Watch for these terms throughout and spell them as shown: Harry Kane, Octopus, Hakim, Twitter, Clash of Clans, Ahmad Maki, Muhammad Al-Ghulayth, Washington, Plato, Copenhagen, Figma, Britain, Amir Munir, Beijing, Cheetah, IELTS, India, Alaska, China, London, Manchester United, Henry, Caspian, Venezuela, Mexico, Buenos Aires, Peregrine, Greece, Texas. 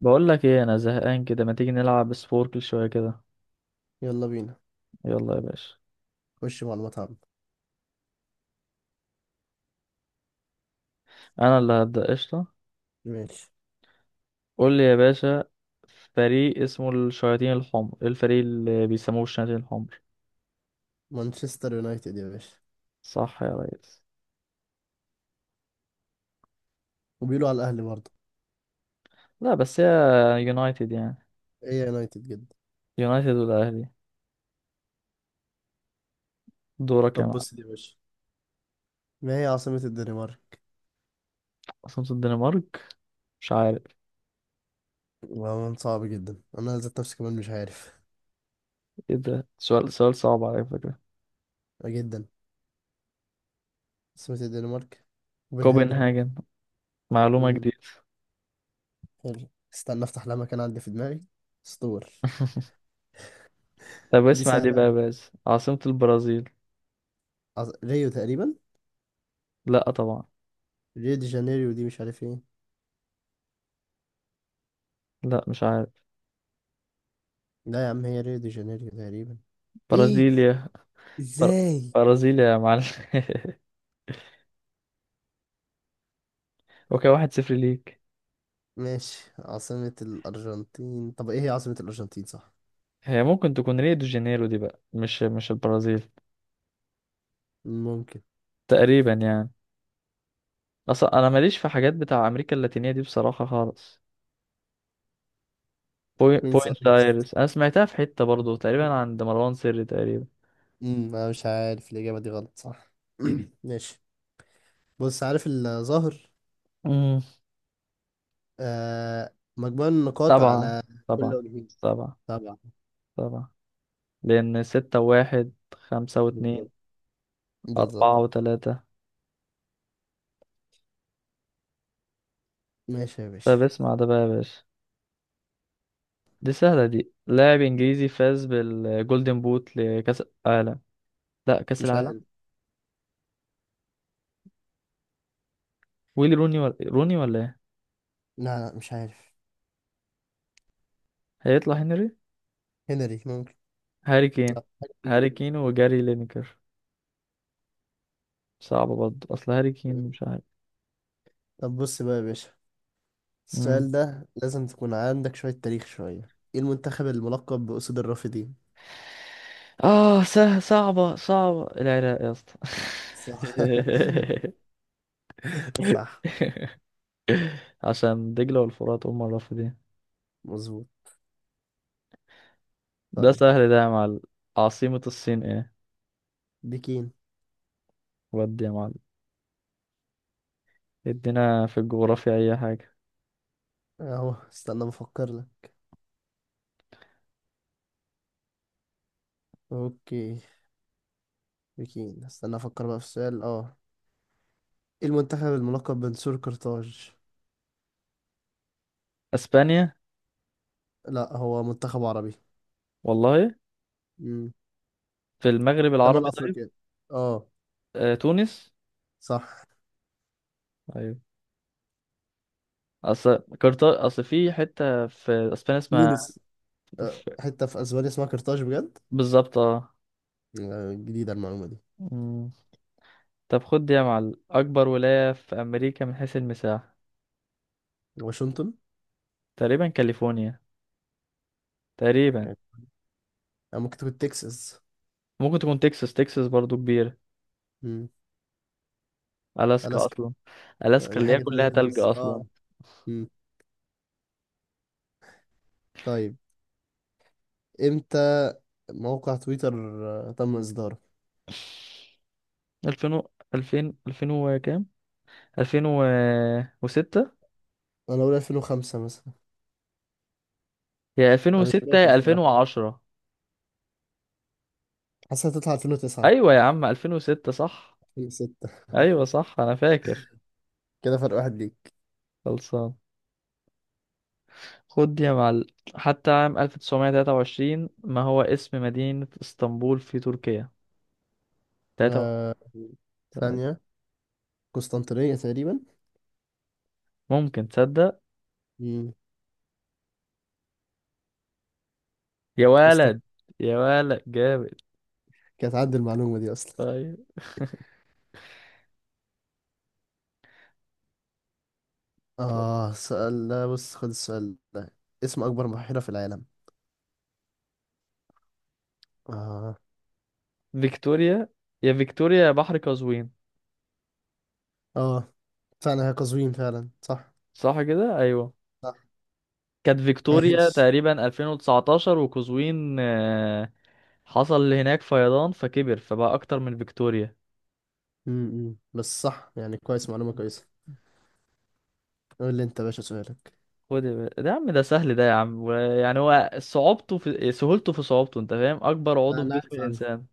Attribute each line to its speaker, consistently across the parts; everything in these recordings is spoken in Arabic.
Speaker 1: بقول لك ايه، انا زهقان كده ما تيجي نلعب سبوركل شويه كده.
Speaker 2: يلا بينا.
Speaker 1: يلا يا باشا.
Speaker 2: خش معلومات عامة.
Speaker 1: انا اللي هبدا قشطه.
Speaker 2: ماشي.
Speaker 1: قول لي يا باشا. فريق اسمه الشياطين الحمر، إيه الفريق اللي بيسموه الشياطين الحمر؟
Speaker 2: مانشستر يونايتد يا باشا.
Speaker 1: صح يا ريس.
Speaker 2: وبيقولوا على الأهلي برضه.
Speaker 1: لا بس هي يونايتد يعني.
Speaker 2: هي يونايتد جدا.
Speaker 1: يونايتد والاهلي. دورك يا
Speaker 2: طب
Speaker 1: معلم.
Speaker 2: بص دي يا باشا، ما هي عاصمة الدنمارك؟
Speaker 1: اصلا الدنمارك مش عارف.
Speaker 2: والله صعب جدا، أنا ذات نفسي كمان مش عارف.
Speaker 1: ايه ده، سؤال صعب على فكره.
Speaker 2: آه، جدا. عاصمة الدنمارك كوبنهاجن.
Speaker 1: كوبنهاجن، معلومه
Speaker 2: امم
Speaker 1: جديده.
Speaker 2: حلو، استنى افتح لها مكان عندي في دماغي. اسطور.
Speaker 1: طب
Speaker 2: دي
Speaker 1: اسمع
Speaker 2: سهلة
Speaker 1: دي بقى يا
Speaker 2: أوي.
Speaker 1: باشا، عاصمه البرازيل.
Speaker 2: ريو تقريبا.
Speaker 1: لا طبعا.
Speaker 2: ريو دي جانيريو، دي مش عارف ايه.
Speaker 1: لا مش عارف.
Speaker 2: لا يا عم، هي ريو دي جانيريو تقريبا. ايه؟
Speaker 1: برازيليا. بر-
Speaker 2: ازاي؟
Speaker 1: برازيل يا معلم. وكان واحد صفر ليك.
Speaker 2: ماشي. عاصمة الأرجنتين، طب إيه هي عاصمة الأرجنتين، صح؟
Speaker 1: هي ممكن تكون ريو دي جانيرو دي بقى، مش البرازيل.
Speaker 2: ممكن.
Speaker 1: تقريبا يعني. اصلا انا ماليش في حاجات بتاع امريكا اللاتينيه دي بصراحه خالص.
Speaker 2: بوينس
Speaker 1: بوينت
Speaker 2: آيرس.
Speaker 1: ايرس انا سمعتها في حته برضو تقريبا عند مروان سري تقريبا.
Speaker 2: أنا مش عارف، الإجابة دي غلط صح. ماشي. بص عارف الظاهر.
Speaker 1: امم.
Speaker 2: آه، مجموع النقاط
Speaker 1: طبعا.
Speaker 2: على
Speaker 1: طبعا.
Speaker 2: كل وجهين.
Speaker 1: طبعا.
Speaker 2: طبعا.
Speaker 1: طبعا. لأن ستة واحد خمسة واتنين
Speaker 2: بالظبط. بالظبط.
Speaker 1: أربعة وتلاتة.
Speaker 2: ماشي يا باشا.
Speaker 1: طب اسمع ده بقى يا باشا، دي سهلة دي، لاعب إنجليزي فاز بالجولدن بوت لكأس العالم. لا، كأس
Speaker 2: مش
Speaker 1: العالم.
Speaker 2: عارف.
Speaker 1: ويلي روني ولا روني ولا ايه؟
Speaker 2: لا، لا، مش عارف.
Speaker 1: هيطلع هنري.
Speaker 2: هنري ممكن.
Speaker 1: هاري كين.
Speaker 2: لا. حكيم.
Speaker 1: هاري كين وجاري لينكر. صعبة برضه، اصل هاري كين مش عارف.
Speaker 2: طب بص بقى يا باشا،
Speaker 1: مم.
Speaker 2: السؤال ده لازم تكون عندك شوية تاريخ، شوية ايه المنتخب الملقب بأسود الرافدين؟
Speaker 1: اه، صعبة العراق يا اسطى.
Speaker 2: صح. صح.
Speaker 1: عشان دجلة والفرات هم الرافدين.
Speaker 2: مظبوط.
Speaker 1: ده
Speaker 2: طيب.
Speaker 1: سهل ده يا معلم، عاصمة الصين ايه؟
Speaker 2: بكين.
Speaker 1: ودي يا معلم، ادينا في الجغرافيا اي حاجة.
Speaker 2: اهو استنى بفكر لك. اوكي. بكين، استنى افكر بقى في السؤال. اه ايه المنتخب الملقب بنسور قرطاج؟
Speaker 1: اسبانيا.
Speaker 2: لا، هو منتخب عربي.
Speaker 1: والله.
Speaker 2: امم
Speaker 1: في المغرب
Speaker 2: شمال
Speaker 1: العربي طيب.
Speaker 2: افريقيا. اه.
Speaker 1: آه، تونس.
Speaker 2: صح.
Speaker 1: ايوه. اصل كارتا، اصل في حته في اسبانيا اسمها.
Speaker 2: تونس. آه،
Speaker 1: ف-
Speaker 2: حته في اسبانيا اسمها قرطاج بجد؟
Speaker 1: بالظبط اه.
Speaker 2: آه، جديده المعلومه دي.
Speaker 1: مم. طب خد دي يا معلم، أكبر ولاية في أمريكا من حيث المساحة.
Speaker 2: واشنطن.
Speaker 1: تقريبا كاليفورنيا، تقريبا.
Speaker 2: كانت. آه، ممكن تكون تكساس.
Speaker 1: ممكن تكون تكساس، تكساس برضو كبيرة.
Speaker 2: امم
Speaker 1: ألاسكا
Speaker 2: الاسكا.
Speaker 1: أصلا.
Speaker 2: آه،
Speaker 1: ألاسكا
Speaker 2: دي
Speaker 1: اللي هي
Speaker 2: حاجه
Speaker 1: كلها
Speaker 2: تانية
Speaker 1: تلج
Speaker 2: خالص.
Speaker 1: أصلا.
Speaker 2: اه امم طيب. امتى موقع تويتر؟ آه، تم اصداره.
Speaker 1: ألفين وكام، ألفين وستة.
Speaker 2: انا اقول 2005 مثلا.
Speaker 1: هي ألفين
Speaker 2: انا مش
Speaker 1: وستة
Speaker 2: فاكر
Speaker 1: يا ألفين
Speaker 2: الصراحه.
Speaker 1: وعشرة.
Speaker 2: حاسسها تطلع 2009.
Speaker 1: أيوة يا عم ألفين وستة صح.
Speaker 2: 2006.
Speaker 1: أيوة صح أنا فاكر.
Speaker 2: كده فرق واحد ليك.
Speaker 1: خلصان. خد دي يا معلم، حتى عام 1923 ما هو اسم مدينة اسطنبول في تركيا؟ تلاتة.
Speaker 2: آه، ثانيه. قسطنطينيه تقريبا.
Speaker 1: ممكن تصدق.
Speaker 2: امم
Speaker 1: يا ولد.
Speaker 2: قسطنطينيه،
Speaker 1: يا ولد جامد.
Speaker 2: كانت عندي المعلومه دي اصلا.
Speaker 1: طيب.
Speaker 2: اه سؤال ده، بص خد السؤال ده. اسم اكبر بحيره في العالم. اه.
Speaker 1: فيكتوريا. يا فيكتوريا يا بحر قزوين.
Speaker 2: اه. فعلا هي قزوين فعلا. صح.
Speaker 1: صح كده ايوه.
Speaker 2: صح.
Speaker 1: كانت فيكتوريا
Speaker 2: عايش.
Speaker 1: تقريبا 2019، وقزوين حصل هناك فيضان فكبر فبقى اكتر من فيكتوريا.
Speaker 2: بس صح يعني، كويس معلومه كويسه. قول لي انت يا باشا سؤالك.
Speaker 1: خد يا باشا. ده يا عم، ده سهل ده يا عم يعني هو صعوبته في سهولته في صعوبته، انت فاهم، اكبر
Speaker 2: لا،
Speaker 1: عضو في
Speaker 2: انا
Speaker 1: جسم
Speaker 2: عارف عارف.
Speaker 1: الانسان.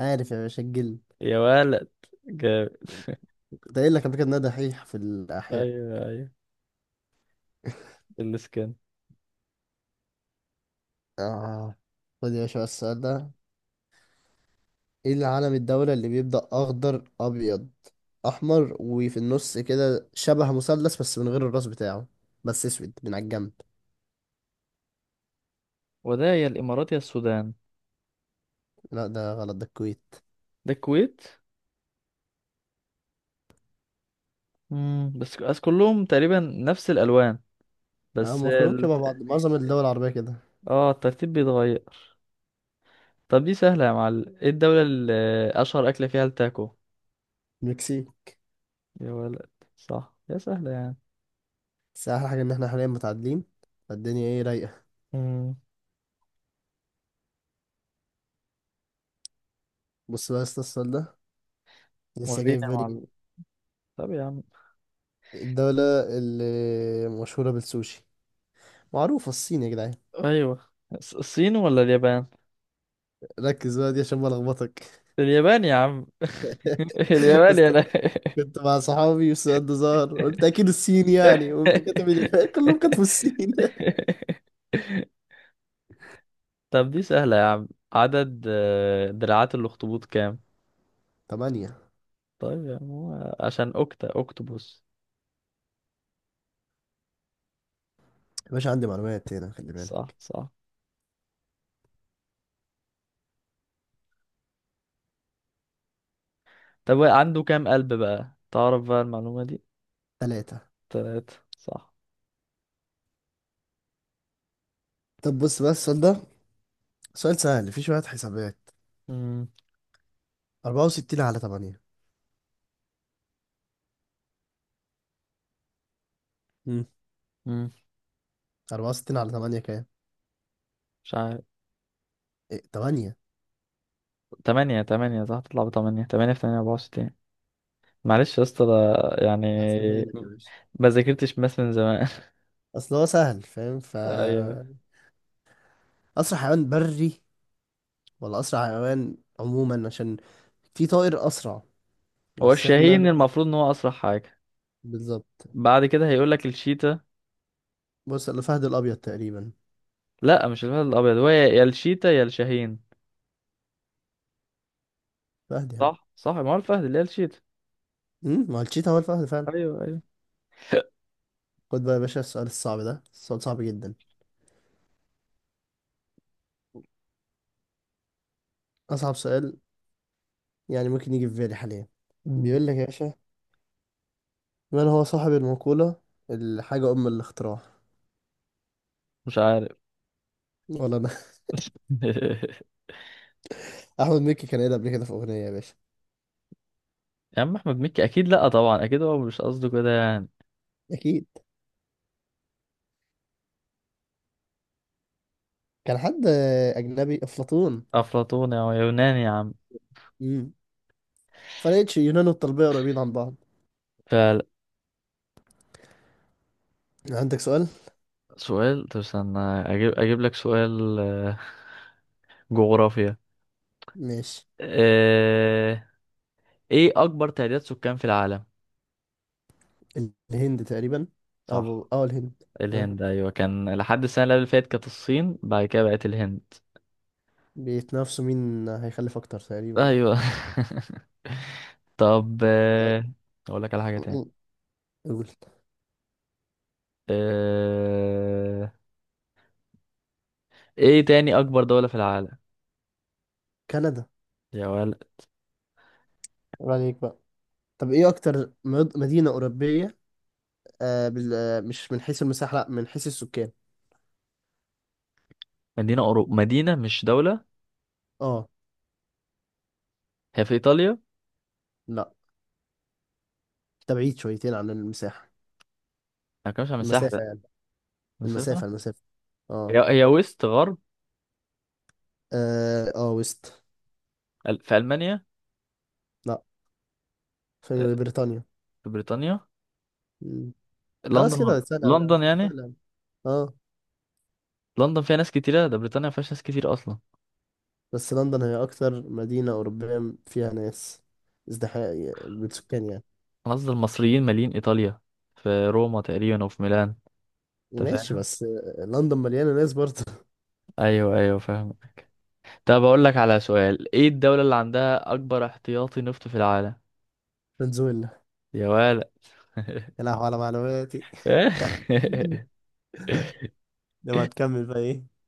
Speaker 2: عارف يا باشا، الجلد.
Speaker 1: يا ولد جامد.
Speaker 2: ده قايل لك قبل كده إن أنا دحيح في الاحياء.
Speaker 1: ايوه ايوه. السكن.
Speaker 2: آه. خد يا باشا بقى السؤال ده. ايه اللي علم الدولة اللي بيبدأ أخضر، أبيض، أحمر، وفي النص كده شبه مثلث بس من غير الراس بتاعه، بس أسود من على الجنب؟
Speaker 1: وده يا الإمارات يا السودان.
Speaker 2: لا ده غلط، ده الكويت.
Speaker 1: ده الكويت. مم. بس كلهم تقريبا نفس الألوان.
Speaker 2: اه،
Speaker 1: بس
Speaker 2: ما كلهم
Speaker 1: ال...
Speaker 2: شبه بعض، معظم الدول العربية كده.
Speaker 1: اه الترتيب بيتغير. طب دي سهلة يا معلم، ايه الدولة اللي أشهر أكلة فيها التاكو؟
Speaker 2: المكسيك.
Speaker 1: يا ولد. صح، يا سهلة يعني.
Speaker 2: بس أحلى حاجة إن احنا حاليا متعادلين، فالدنيا ايه، رايقة.
Speaker 1: مم.
Speaker 2: بص بقى يا اسطى السؤال ده، لسه
Speaker 1: ورينا
Speaker 2: جاي في
Speaker 1: يا
Speaker 2: بالي.
Speaker 1: معلم. طب يا عم.
Speaker 2: الدولة اللي مشهورة بالسوشي. معروفة، الصين يا جدعان.
Speaker 1: أيوه الصين ولا اليابان؟
Speaker 2: ركز بقى دي عشان ما ألخبطك.
Speaker 1: اليابان يا عم. اليابان يا لا.
Speaker 2: كنت مع صحابي والسؤال ده ظهر، قلت اكيد الصين يعني، وقمت كاتب اللي كلهم كتبوا الصين.
Speaker 1: طب دي سهلة يا عم، عدد دراعات الأخطبوط كام؟
Speaker 2: تمانية.
Speaker 1: طيب يا عم، هو عشان أوكتا أوكتوبوس.
Speaker 2: يا باشا عندي معلومات هنا، خلي
Speaker 1: صح
Speaker 2: بالك.
Speaker 1: صح. طب هو عنده كام قلب بقى، تعرف بقى المعلومة دي.
Speaker 2: تلاتة.
Speaker 1: تلاتة صح.
Speaker 2: طب بص بقى السؤال ده، سؤال سهل فيه شوية حسابات.
Speaker 1: مم.
Speaker 2: 64 على 8. امم
Speaker 1: مم.
Speaker 2: 64 على 8 كام؟
Speaker 1: مش عارف.
Speaker 2: إيه؟ تمانية.
Speaker 1: تمانية صح، تطلع بتمانية، تمانية في تمانية أربعة وستين. معلش يا اسطى ده يعني.
Speaker 2: هحسبها لك يا باشا،
Speaker 1: ما ذاكرتش ماس من زمان.
Speaker 2: أصل هو سهل فاهم، ف
Speaker 1: أيوه.
Speaker 2: أسرع حيوان بري، ولا أسرع حيوان عموما، عشان في طائر أسرع.
Speaker 1: هو
Speaker 2: بس إحنا.
Speaker 1: الشاهين المفروض إن هو أسرع حاجة.
Speaker 2: بالظبط.
Speaker 1: بعد كده هيقولك الشيتا.
Speaker 2: بص، الفهد الأبيض تقريبا.
Speaker 1: لا مش الفهد الأبيض، هو يا الشيتا يا الشاهين.
Speaker 2: فهد يعني.
Speaker 1: صح صح. ما هو الفهد اللي هي الشيتا.
Speaker 2: ما هو الشيتا هو الفهد فعلا.
Speaker 1: أيوه أيوه.
Speaker 2: خد بقى يا باشا السؤال الصعب ده. السؤال صعب جدا، أصعب سؤال يعني ممكن يجي في بالي حاليا.
Speaker 1: مم.
Speaker 2: بيقول لك يا باشا، من هو صاحب المقولة الحاجة أم الاختراع؟
Speaker 1: مش عارف.
Speaker 2: ولا أنا. أحمد مكي كان قايلها قبل كده في أغنية يا باشا.
Speaker 1: يا عم احمد مكي اكيد، لا طبعا اكيد هو مش قصده كده يعني.
Speaker 2: أكيد كان حد أجنبي. أفلاطون.
Speaker 1: افلاطوني او يوناني يا عم.
Speaker 2: امم فلقيتش يونان والطلبية قريبين عن بعض. عندك سؤال؟
Speaker 1: فسؤال، طب استنى اجيب لك سؤال جغرافيا.
Speaker 2: ماشي.
Speaker 1: آه، ايه اكبر تعداد سكان في العالم؟
Speaker 2: الهند تقريبا. أو
Speaker 1: صح.
Speaker 2: الهند. ها؟
Speaker 1: الهند ايوه، كان لحد السنه اللي قبل فاتت كانت الصين، بعد كده بقت الهند.
Speaker 2: بيتنافسوا مين هيخلف أكتر تقريبا.
Speaker 1: ايوه. طب
Speaker 2: طيب.
Speaker 1: اقول لك على حاجه تاني.
Speaker 2: قول.
Speaker 1: آه، ايه تاني اكبر دوله في العالم؟
Speaker 2: كندا.
Speaker 1: يا ولد.
Speaker 2: قول عليك بقى. طب ايه اكتر مدينة أوروبية. آه بال... آه، مش من حيث المساحة، لا من حيث السكان.
Speaker 1: مدينه مش دوله.
Speaker 2: اه.
Speaker 1: هي في ايطاليا.
Speaker 2: لا ده بعيد شويتين عن المساحة.
Speaker 1: انا كمش على مساحة،
Speaker 2: المسافة
Speaker 1: لا.
Speaker 2: يعني.
Speaker 1: مسافة.
Speaker 2: المسافة. المسافة.
Speaker 1: هي
Speaker 2: اه.
Speaker 1: هي ويست غرب.
Speaker 2: وست.
Speaker 1: في ألمانيا.
Speaker 2: لا،
Speaker 1: آه،
Speaker 2: في بريطانيا.
Speaker 1: في بريطانيا.
Speaker 2: مم.
Speaker 1: لندن
Speaker 2: خلاص كده سهلة أوي،
Speaker 1: لندن يعني.
Speaker 2: سهلة أوي. اه.
Speaker 1: لندن فيها ناس كتيرة، ده بريطانيا ما فيهاش ناس كتير أصلا.
Speaker 2: بس لندن هي اكتر مدينة أوروبية فيها ناس، ازدحام بالسكان يعني.
Speaker 1: أنا قصدي المصريين مالين إيطاليا. في روما تقريبا وفي ميلان. أنت
Speaker 2: ماشي،
Speaker 1: فاهم؟
Speaker 2: بس لندن مليانة ناس برضه.
Speaker 1: أيوه أيوه فاهم. طب أقول لك على سؤال، إيه الدولة اللي عندها أكبر احتياطي نفط في العالم؟
Speaker 2: فنزويلا.
Speaker 1: يا ولد.
Speaker 2: يا لهوي على معلوماتي. لما تكمل بقى ايه.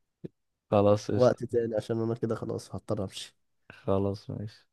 Speaker 1: خلاص قشطة.
Speaker 2: وقت تاني، عشان انا كده خلاص هضطر امشي.
Speaker 1: خلاص ماشي.